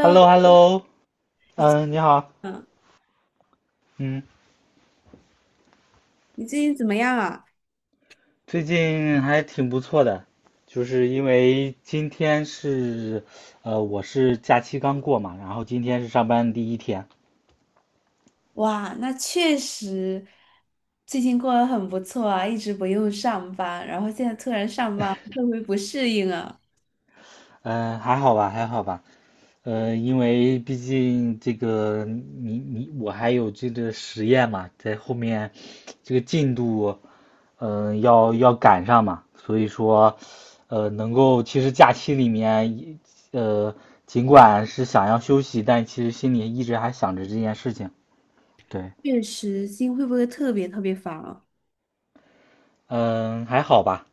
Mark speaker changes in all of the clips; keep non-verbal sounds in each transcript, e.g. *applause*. Speaker 1: h e l l o h e l l o
Speaker 2: 你
Speaker 1: 嗯，你好，
Speaker 2: 嗯，
Speaker 1: 嗯，
Speaker 2: 你最近怎么样啊？
Speaker 1: 最近还挺不错的，就是因为今天是，我是假期刚过嘛，然后今天是上班第一天，
Speaker 2: 哇，那确实，最近过得很不错啊，一直不用上班，然后现在突然上班，会不会不适应啊？
Speaker 1: 嗯，还好吧，还好吧。因为毕竟这个你我还有这个实验嘛，在后面这个进度，要赶上嘛，所以说，能够其实假期里面呃，尽管是想要休息，但其实心里一直还想着这件事情。对，
Speaker 2: 确实，心会不会特别特别烦啊？
Speaker 1: 嗯，还好吧。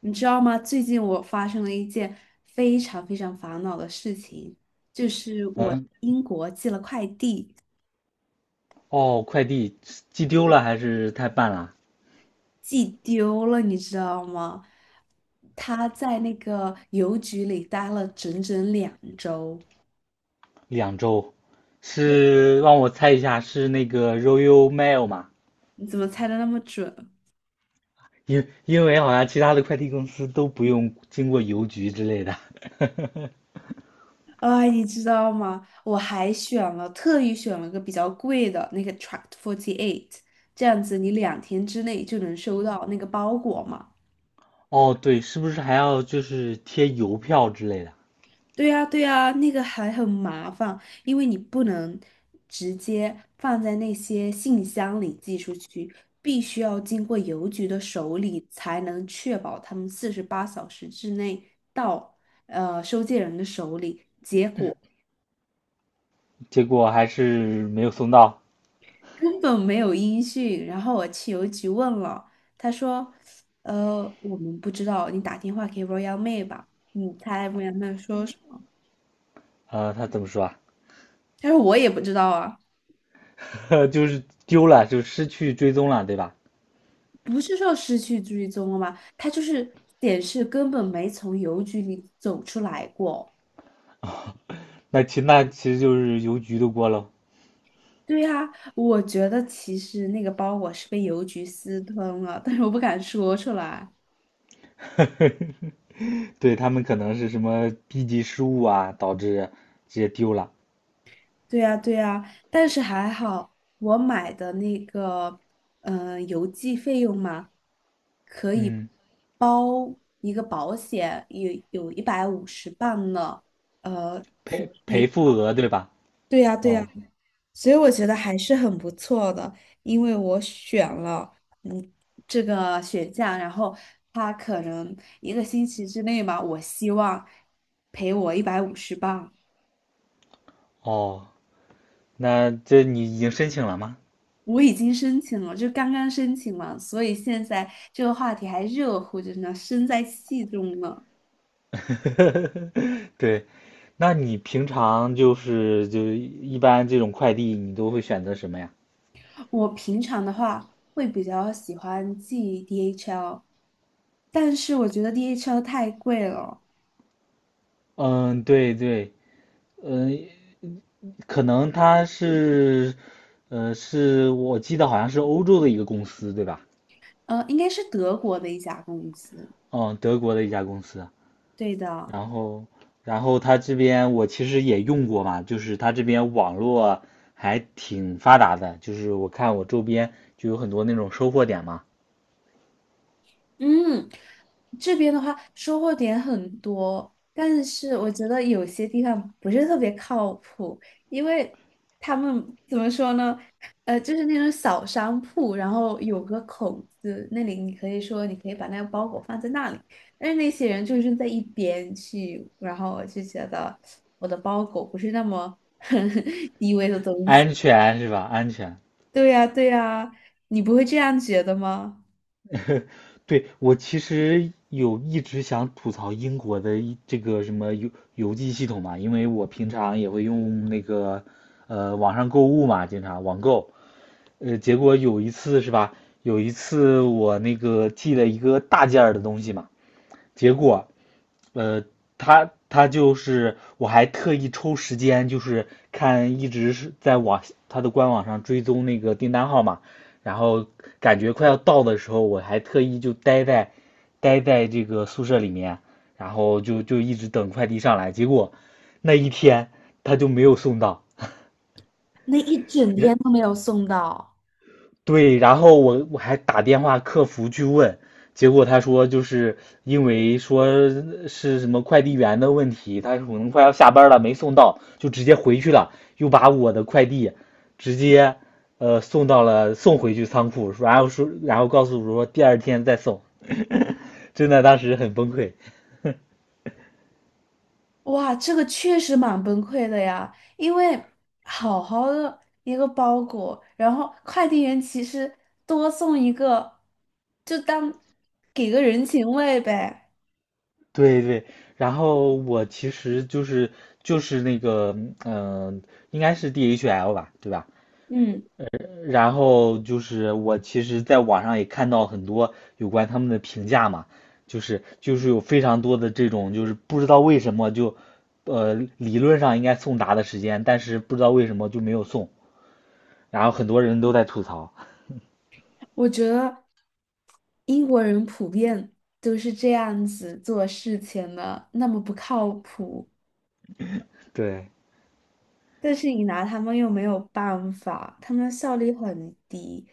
Speaker 2: 你知道吗？最近我发生了一件非常非常烦恼的事情，就是我
Speaker 1: 嗯，
Speaker 2: 英国寄了快递，
Speaker 1: 哦，快递寄丢了还是太慢了？
Speaker 2: 寄丢了，你知道吗？他在那个邮局里待了整整2周。
Speaker 1: 两周，是让我猜一下，是那个 Royal Mail 吗？
Speaker 2: 你怎么猜的那么准？
Speaker 1: 因为好像其他的快递公司都不用经过邮局之类的。*laughs*
Speaker 2: 哎，你知道吗？我还选了，特意选了个比较贵的那个 Tract 48，这样子你2天之内就能收到那个包裹嘛。
Speaker 1: 哦，对，是不是还要就是贴邮票之类的？
Speaker 2: 对呀，对呀，那个还很麻烦，因为你不能直接放在那些信箱里寄出去，必须要经过邮局的手里，才能确保他们48小时之内到收件人的手里。
Speaker 1: 结果还是没有送到。
Speaker 2: 根本没有音讯。然后我去邮局问了，他说："我们不知道，你打电话给 Royal m 吧。"你猜 Royal Mail 说什么？
Speaker 1: 他怎么说啊？
Speaker 2: 他说："我也不知道啊，
Speaker 1: *laughs* 就是丢了，就失去追踪了，对吧？
Speaker 2: 不是说失去追踪了吗？他就是显示根本没从邮局里走出来过。"
Speaker 1: 那其实就是邮局的锅喽。
Speaker 2: 对呀，我觉得其实那个包裹是被邮局私吞了，但是我不敢说出来。
Speaker 1: *laughs* 对，他们可能是什么低级失误啊，导致直接丢了。
Speaker 2: 对呀，对呀，但是还好，我买的那个，邮寄费用嘛，可以
Speaker 1: 嗯，
Speaker 2: 包一个保险，有一百五十磅呢，只
Speaker 1: 赔赔
Speaker 2: 赔。
Speaker 1: 付额对吧？
Speaker 2: 对呀，对呀，
Speaker 1: 哦
Speaker 2: 所以我觉得还是很不错的，因为我选了，嗯，这个雪降，然后他可能一个星期之内嘛，我希望赔我一百五十磅。
Speaker 1: 哦，那这你已经申请了吗？
Speaker 2: 我已经申请了，就刚刚申请嘛，所以现在这个话题还热乎着呢，身在戏中呢。
Speaker 1: *laughs* 对，那你平常就一般这种快递你都会选择什么呀？
Speaker 2: 我平常的话会比较喜欢寄 DHL，但是我觉得 DHL 太贵了，
Speaker 1: 嗯，对对，嗯，可能它是，是我记得好像是欧洲的一个公司对吧？
Speaker 2: 应该是德国的一家公司，
Speaker 1: 嗯，德国的一家公司。
Speaker 2: 对的。
Speaker 1: 然后，然后它这边我其实也用过嘛，就是它这边网络还挺发达的，就是我看我周边就有很多那种收货点嘛，
Speaker 2: 嗯，这边的话收获点很多，但是我觉得有些地方不是特别靠谱，因为他们怎么说呢？就是那种小商铺，然后有个口子，那里你可以说你可以把那个包裹放在那里，但是那些人就是在一边去，然后我就觉得我的包裹不是那么 *laughs* 低微的东西。
Speaker 1: 安全是吧？安全。
Speaker 2: 对呀，对呀，你不会这样觉得吗？
Speaker 1: 对，我其实有一直想吐槽英国的一这个什么邮寄系统嘛，因为我平常也会用那个网上购物嘛，经常网购，结果有一次是吧？有一次我那个寄了一个大件儿的东西嘛，结果呃，他就是我还特意抽时间，就是看一直是在他的官网上追踪那个订单号码，然后感觉快要到的时候，我还特意就待在这个宿舍里面，然后就一直等快递上来，结果那一天他就没有送到，
Speaker 2: 那一整
Speaker 1: 人。
Speaker 2: 天都没有送到。
Speaker 1: 对，然后我还打电话客服去问，结果他说就是因为说是什么快递员的问题，他可能快要下班了没送到，就直接回去了，又把我的快递直接呃送到了送回去仓库，然后说然后告诉我说第二天再送，*laughs* 真的当时很崩溃。
Speaker 2: 哇，这个确实蛮崩溃的呀，因为好好的一个包裹，然后快递员其实多送一个，就当给个人情味呗。
Speaker 1: 对对，然后我其实就是就是那个应该是 DHL 吧，对吧？
Speaker 2: 嗯，
Speaker 1: 然后就是我其实在网上也看到很多有关他们的评价嘛，就是有非常多的这种就是不知道为什么就，理论上应该送达的时间，但是不知道为什么就没有送，然后很多人都在吐槽。
Speaker 2: 我觉得英国人普遍都是这样子做事情的，那么不靠谱。
Speaker 1: 对，
Speaker 2: 但是你拿他们又没有办法，他们的效率很低。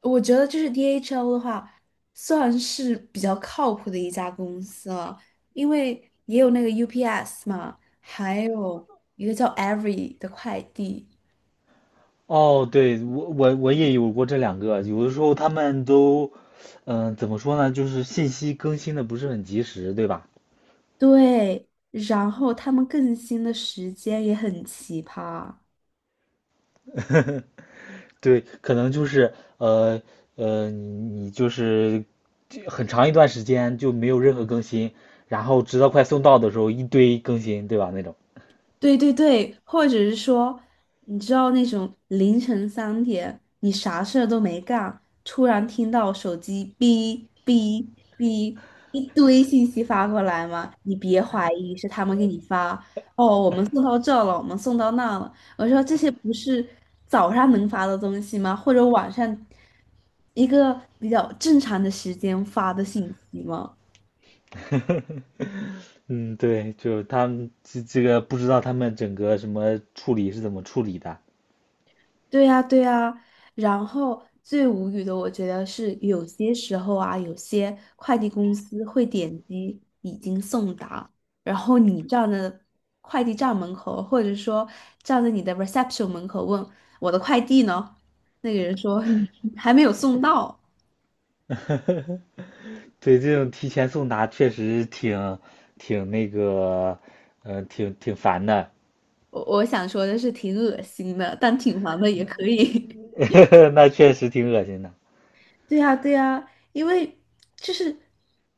Speaker 2: 我觉得就是 DHL 的话，算是比较靠谱的一家公司了，因为也有那个 UPS 嘛，还有一个叫 Every 的快递。
Speaker 1: 哦，对，我也有过这两个，有的时候他们都，怎么说呢，就是信息更新的不是很及时，对吧？
Speaker 2: 对，然后他们更新的时间也很奇葩。
Speaker 1: 对，可能就是呃呃，你你就是很长一段时间就没有任何更新，然后直到快送到的时候一堆更新，对吧？那种，
Speaker 2: 对对对，或者是说，你知道那种凌晨3点，你啥事儿都没干，突然听到手机哔哔哔一堆信息发过来吗？你别怀疑是他们给你发，哦，我们送到这了，我们送到那了。我说这些不是早上能发的东西吗？或者晚上一个比较正常的时间发的信息吗？
Speaker 1: 嗯，对，就是他们这个不知道他们整个什么处理是怎么处理的。
Speaker 2: 对呀，对呀，然后最无语的，我觉得是有些时候啊，有些快递公司会点击已经送达，然后你站在快递站门口，或者说站在你的 reception 门口问我的快递呢？那个人说*laughs* 还没有送到。
Speaker 1: 对，这种提前送达确实挺那个，挺烦的，
Speaker 2: 我想说的是挺恶心的，但挺烦的也可以。*laughs*
Speaker 1: *laughs* 那确实挺恶心的。
Speaker 2: 对呀，对呀，因为就是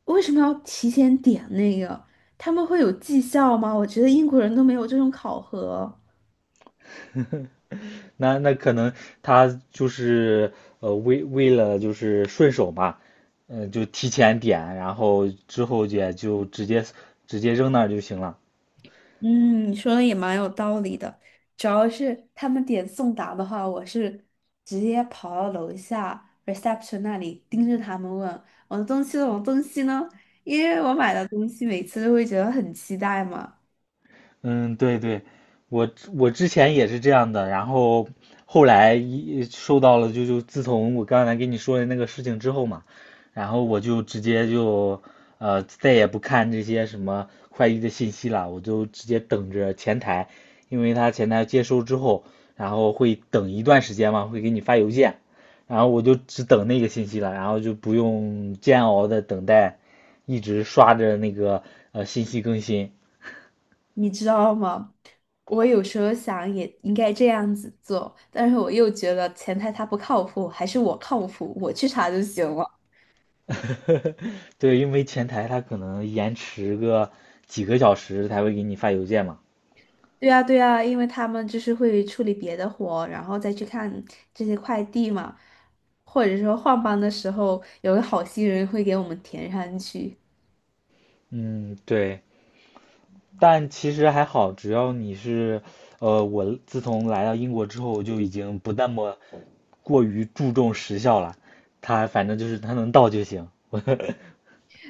Speaker 2: 为什么要提前点那个？他们会有绩效吗？我觉得英国人都没有这种考核。
Speaker 1: 那可能他就是为了就是顺手嘛，就提前点，然后之后也就直接扔那儿就行了。
Speaker 2: 嗯，你说的也蛮有道理的。主要是他们点送达的话，我是直接跑到楼下 reception 那里盯着他们问我的东西了我的东西呢？因为我买的东西每次都会觉得很期待嘛，
Speaker 1: 嗯，对对，我之前也是这样的，然后后来一收到了，就自从我刚才跟你说的那个事情之后嘛，然后我就直接就再也不看这些什么快递的信息了，我就直接等着前台，因为他前台接收之后，然后会等一段时间嘛，会给你发邮件，然后我就只等那个信息了，然后就不用煎熬的等待，一直刷着那个信息更新。
Speaker 2: 你知道吗？我有时候想也应该这样子做，但是我又觉得前台他不靠谱，还是我靠谱，我去查就行了。
Speaker 1: 对，因为前台他可能延迟个几个小时才会给你发邮件嘛。
Speaker 2: 对啊，对啊，因为他们就是会处理别的活，然后再去看这些快递嘛，或者说换班的时候，有个好心人会给我们填上去。
Speaker 1: 嗯，对，但其实还好，只要你是，我自从来到英国之后，就已经不那么过于注重时效了。他反正就是他能到就行。*laughs*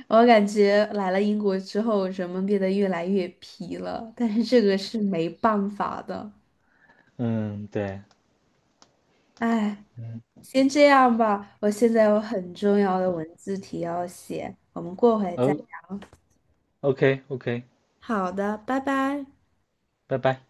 Speaker 2: 我感觉来了英国之后，人们变得越来越皮了，但是这个是没办法的，
Speaker 1: 嗯，对，
Speaker 2: 唉。先这样吧，我现在有很重要的文字题要写，我们过会再。
Speaker 1: 哦，OK OK，
Speaker 2: 好的，拜拜。
Speaker 1: 拜拜。